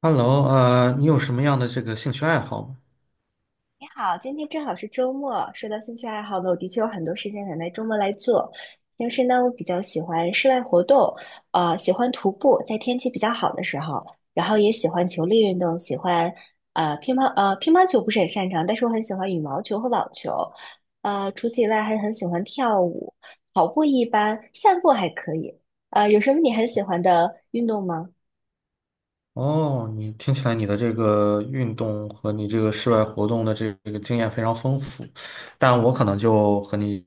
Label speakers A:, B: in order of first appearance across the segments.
A: Hello，你有什么样的这个兴趣爱好吗？
B: 你好，今天正好是周末。说到兴趣爱好呢，我的确有很多事情想在周末来做。平时呢，我比较喜欢室外活动，喜欢徒步，在天气比较好的时候，然后也喜欢球类运动，喜欢乒乓球不是很擅长，但是我很喜欢羽毛球和网球。除此以外，还很喜欢跳舞，跑步一般，散步还可以。有什么你很喜欢的运动吗？
A: 哦，你听起来你的这个运动和你这个室外活动的这个经验非常丰富，但我可能就和你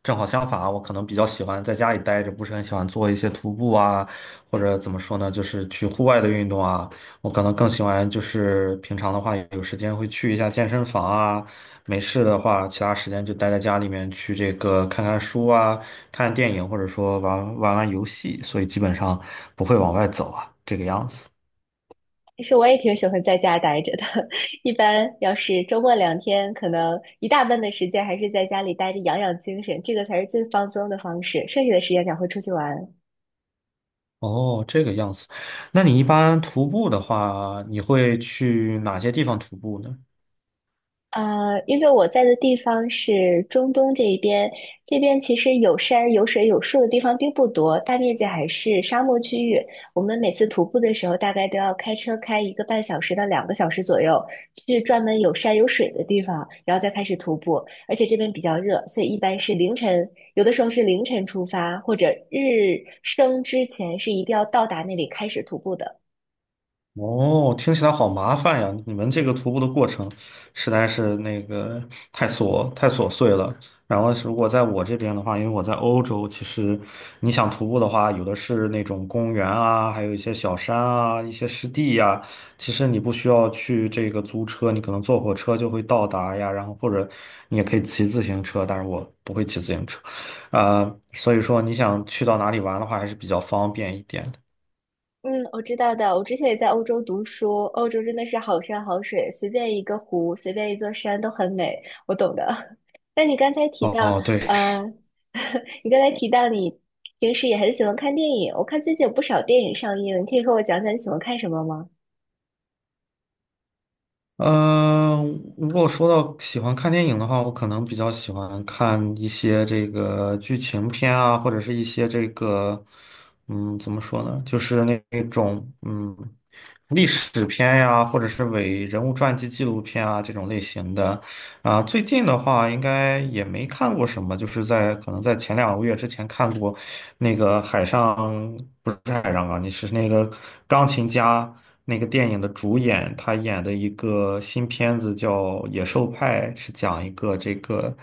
A: 正好相反啊，我可能比较喜欢在家里待着，不是很喜欢做一些徒步啊，或者怎么说呢，就是去户外的运动啊。我可能更喜欢就是平常的话有时间会去一下健身房啊，没事的话其他时间就待在家里面去这个看看书啊，看电影或者说玩玩游戏，所以基本上不会往外走啊，这个样子。
B: 其实我也挺喜欢在家待着的，一般要是周末两天，可能一大半的时间还是在家里待着养养精神，这个才是最放松的方式，剩下的时间才会出去玩。
A: 哦，这个样子。那你一般徒步的话，你会去哪些地方徒步呢？
B: 因为我在的地方是中东这一边，这边其实有山、有水、有树的地方并不多，大面积还是沙漠区域。我们每次徒步的时候，大概都要开车开1个半小时到2个小时左右，去专门有山有水的地方，然后再开始徒步。而且这边比较热，所以一般是凌晨，有的时候是凌晨出发，或者日升之前是一定要到达那里开始徒步的。
A: 哦，听起来好麻烦呀！你们这个徒步的过程实在是那个太琐碎了。然后是如果在我这边的话，因为我在欧洲，其实你想徒步的话，有的是那种公园啊，还有一些小山啊，一些湿地呀。其实你不需要去这个租车，你可能坐火车就会到达呀。然后或者你也可以骑自行车，但是我不会骑自行车，啊、所以说你想去到哪里玩的话，还是比较方便一点的。
B: 嗯，我知道的。我之前也在欧洲读书，欧洲真的是好山好水，随便一个湖，随便一座山都很美。我懂的。那你刚才提到，
A: 哦，对。
B: 呃，你刚才提到你平时也很喜欢看电影，我看最近有不少电影上映，你可以和我讲讲你喜欢看什么吗？
A: 嗯，如果说到喜欢看电影的话，我可能比较喜欢看一些这个剧情片啊，或者是一些这个，嗯，怎么说呢，就是那种嗯历史片呀，或者是伪人物传记纪录片啊这种类型的。啊，最近的话应该也没看过什么，就是在可能在前两个月之前看过那个海上，不是海上钢，你是那个钢琴家那个电影的主演，他演的一个新片子叫《野兽派》，是讲一个这个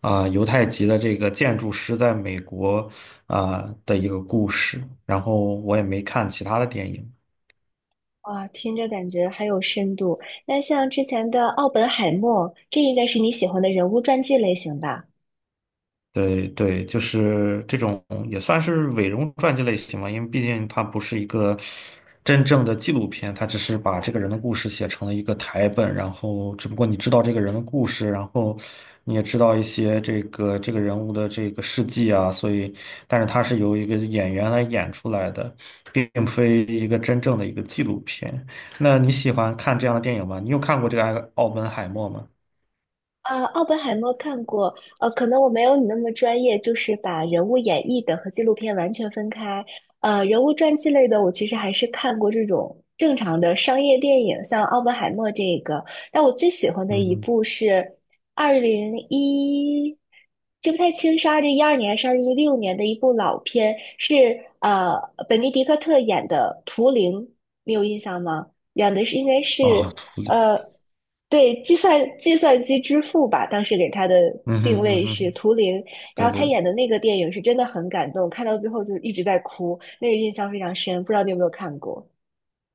A: 犹太籍的这个建筑师在美国的一个故事。然后我也没看其他的电影。
B: 哇，听着感觉很有深度。那像之前的《奥本海默》，这应该是你喜欢的人物传记类型吧？
A: 对对，就是这种也算是伪容传记类型嘛，因为毕竟它不是一个真正的纪录片，它只是把这个人的故事写成了一个台本，然后只不过你知道这个人的故事，然后你也知道一些这个人物的这个事迹啊，所以，但是它是由一个演员来演出来的，并非一个真正的一个纪录片。那你喜欢看这样的电影吗？你有看过这个《奥本海默》吗？
B: 啊，奥本海默看过，可能我没有你那么专业，就是把人物演绎的和纪录片完全分开。人物传记类的，我其实还是看过这种正常的商业电影，像奥本海默这个。但我最喜欢的
A: 嗯
B: 一
A: 哼。
B: 部是二零一，记不太清是2012年还是2016年的一部老片，是呃本尼迪克特演的《图灵》，你有印象吗？演的是应该
A: 哦，
B: 是。
A: 图里。
B: 呃，对，计算机之父吧，当时给他的
A: 嗯哼
B: 定
A: 嗯
B: 位是
A: 哼。
B: 图灵，然
A: 对
B: 后他
A: 对。
B: 演的那个电影是真的很感动，看到最后就一直在哭，那个印象非常深，不知道你有没有看过？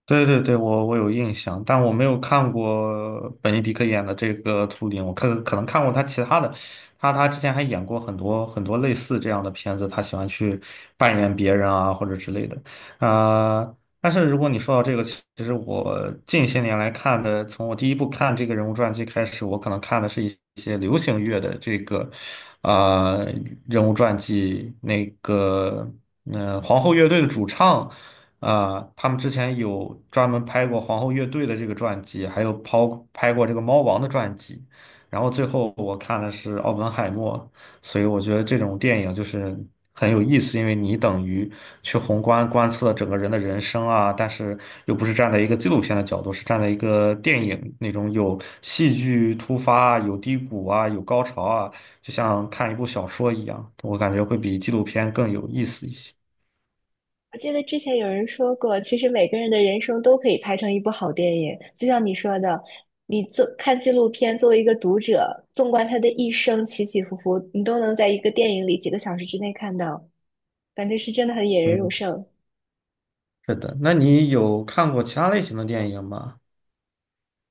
A: 对对对，我有印象，但我没有看过本尼迪克演的这个《图灵》，我可能看过他其他的，他之前还演过很多类似这样的片子，他喜欢去扮演别人啊或者之类的，啊、但是如果你说到这个，其实我近些年来看的，从我第一部看这个人物传记开始，我可能看的是一些流行乐的这个，啊人物传记，那个，嗯、皇后乐队的主唱。呃，他们之前有专门拍过皇后乐队的这个传记，还有拍过这个猫王的传记，然后最后我看的是奥本海默，所以我觉得这种电影就是很有意思，因为你等于去宏观观测整个人的人生啊，但是又不是站在一个纪录片的角度，是站在一个电影那种有戏剧突发啊、有低谷啊、有高潮啊，就像看一部小说一样，我感觉会比纪录片更有意思一些。
B: 我记得之前有人说过，其实每个人的人生都可以拍成一部好电影，就像你说的，你做看纪录片，作为一个读者，纵观他的一生起起伏伏，你都能在一个电影里几个小时之内看到，感觉是真的很引人入
A: 嗯。
B: 胜。
A: 是的，那你有看过其他类型的电影吗？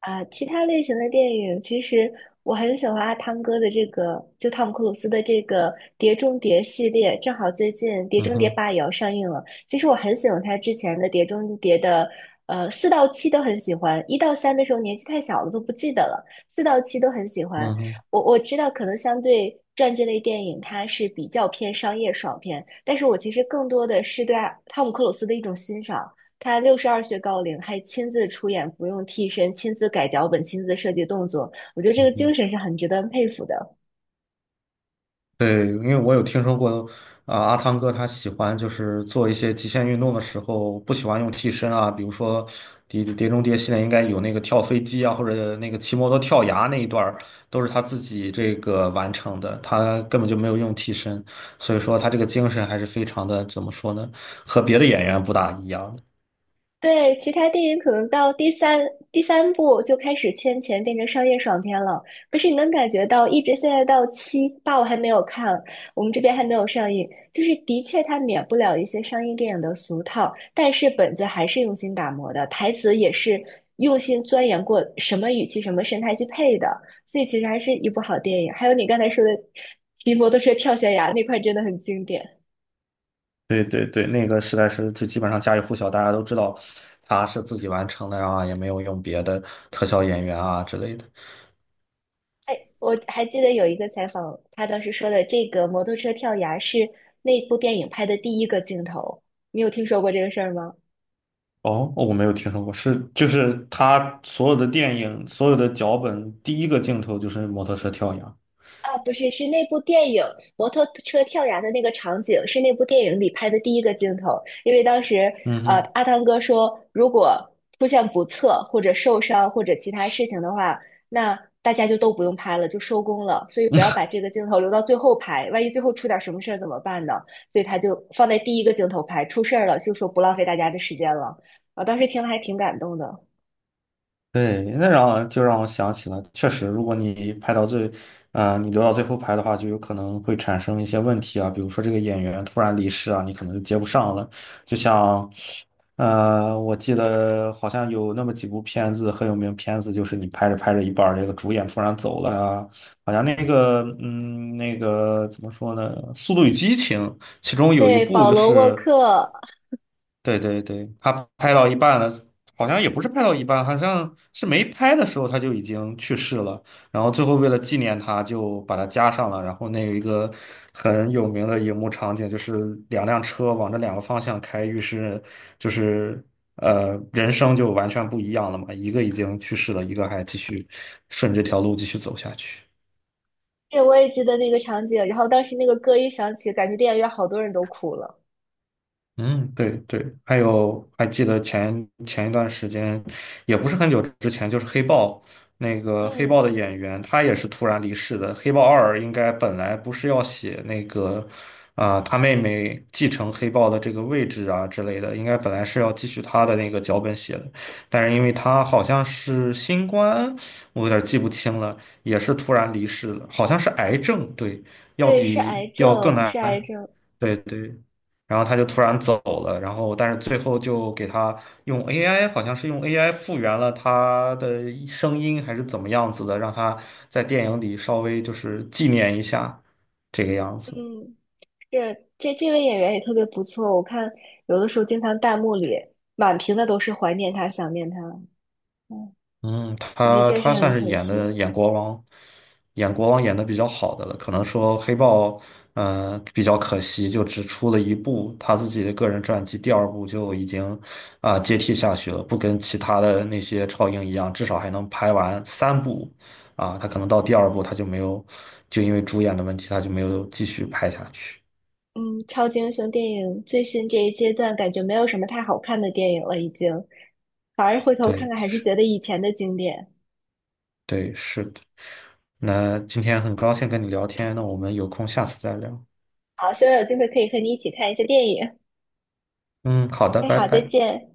B: 啊，其他类型的电影，其实我很喜欢阿汤哥的这个，就汤姆克鲁斯的这个《碟中谍》系列，正好最近《碟
A: 嗯
B: 中谍
A: 哼。
B: 八》也要上映了。其实我很喜欢他之前的《碟中谍》的，四到七都很喜欢，一到三的时候年纪太小了都不记得了，四到七都很喜欢。
A: 嗯哼。
B: 我知道可能相对传记类电影它是比较偏商业爽片，但是我其实更多的是对阿汤姆克鲁斯的一种欣赏。他62岁高龄还亲自出演，不用替身，亲自改脚本，亲自设计动作，我觉得这
A: 嗯
B: 个
A: 哼。
B: 精神是很值得佩服的。
A: 对，因为我有听说过，阿汤哥他喜欢就是做一些极限运动的时候，不喜欢用替身啊，比如说《碟中谍》系列应该有那个跳飞机啊，或者那个骑摩托跳崖那一段儿都是他自己这个完成的，他根本就没有用替身，所以说他这个精神还是非常的，怎么说呢，和别的演员不大一样。
B: 对，其他电影可能到第三部就开始圈钱，变成商业爽片了。可是你能感觉到，一直现在到七八，我还没有看，我们这边还没有上映。就是的确，它免不了一些商业电影的俗套，但是本子还是用心打磨的，台词也是用心钻研过，什么语气、什么神态去配的。所以其实还是一部好电影。还有你刚才说的《骑摩托车跳悬崖》那块，真的很经典。
A: 对对对，那个实在是就基本上家喻户晓，大家都知道他是自己完成的啊，也没有用别的特效演员啊之类的。
B: 哎，我还记得有一个采访，他当时说的这个摩托车跳崖是那部电影拍的第一个镜头，你有听说过这个事儿吗？
A: 哦，我没有听说过，是就是他所有的电影、所有的脚本，第一个镜头就是摩托车跳崖。
B: 啊，不是，是那部电影摩托车跳崖的那个场景，是那部电影里拍的第一个镜头。因为当时，
A: 嗯哼。
B: 阿汤哥说，如果出现不测或者受伤或者其他事情的话，那大家就都不用拍了，就收工了。所以不要把这个镜头留到最后拍，万一最后出点什么事儿怎么办呢？所以他就放在第一个镜头拍，出事儿了就说不浪费大家的时间了。我当时听了还挺感动的。
A: 对，那让就让我想起了，确实，如果你拍到最，你留到最后拍的话，就有可能会产生一些问题啊，比如说这个演员突然离世啊，你可能就接不上了。就像，我记得好像有那么几部片子很有名，片子就是你拍着拍着一半儿，这个主演突然走了啊，好像那个，嗯，那个怎么说呢，《速度与激情》其中有一
B: 对，
A: 部
B: 保
A: 就
B: 罗·沃
A: 是。
B: 克，
A: 对对对，他拍到一半了，好像也不是拍到一半，好像是没拍的时候他就已经去世了。然后最后为了纪念他，就把他加上了。然后那有一个很有名的荧幕场景，就是两辆车往这两个方向开，于是就是呃人生就完全不一样了嘛，一个已经去世了，一个还继续顺着这条路继续走下去。
B: 对，我也记得那个场景。然后当时那个歌一响起，感觉电影院好多人都哭了。
A: 嗯，对对，还有还记得前一段时间，也不是很久之前，就是黑豹，那个黑
B: 嗯，
A: 豹的演员，他也是突然离世的。黑豹二应该本来不是要写那个，他妹妹继承黑豹的这个位置啊之类的，应该本来是要继续他的那个脚本写的，但是因为他好像是新冠，我有点记不清了，也是突然离世了，好像是癌症，对，要
B: 对，是
A: 比
B: 癌
A: 要更
B: 症，是癌
A: 难。
B: 症。
A: 对对，然后他就突然走了，然后但是最后就给他用 AI，好像是用 AI 复原了他的声音还是怎么样子的，让他在电影里稍微就是纪念一下这个样子。
B: 嗯，这位演员也特别不错。我看有的时候经常弹幕里满屏的都是怀念他、想念他。嗯，
A: 嗯，
B: 的
A: 他
B: 确是
A: 他
B: 很
A: 算是
B: 可
A: 演的
B: 惜。
A: 演国王，演国王演的比较好的了。可能说黑豹，嗯、比较可惜，就只出了一部他自己的个人传记，第二部就已经接替下去了，不跟其他的那些超英一样，至少还能拍完三部，他可能到第二部他就没有，就因为主演的问题，他就没有继续拍下去。
B: 嗯，超级英雄电影最新这一阶段，感觉没有什么太好看的电影了，已经。反而回头看
A: 对
B: 看，还是觉得以前的经典。
A: 对，是的。那今天很高兴跟你聊天，那我们有空下次再聊。
B: 好，希望有机会可以和你一起看一些电影。
A: 嗯，好的，
B: 哎，
A: 拜
B: 好，再
A: 拜。
B: 见。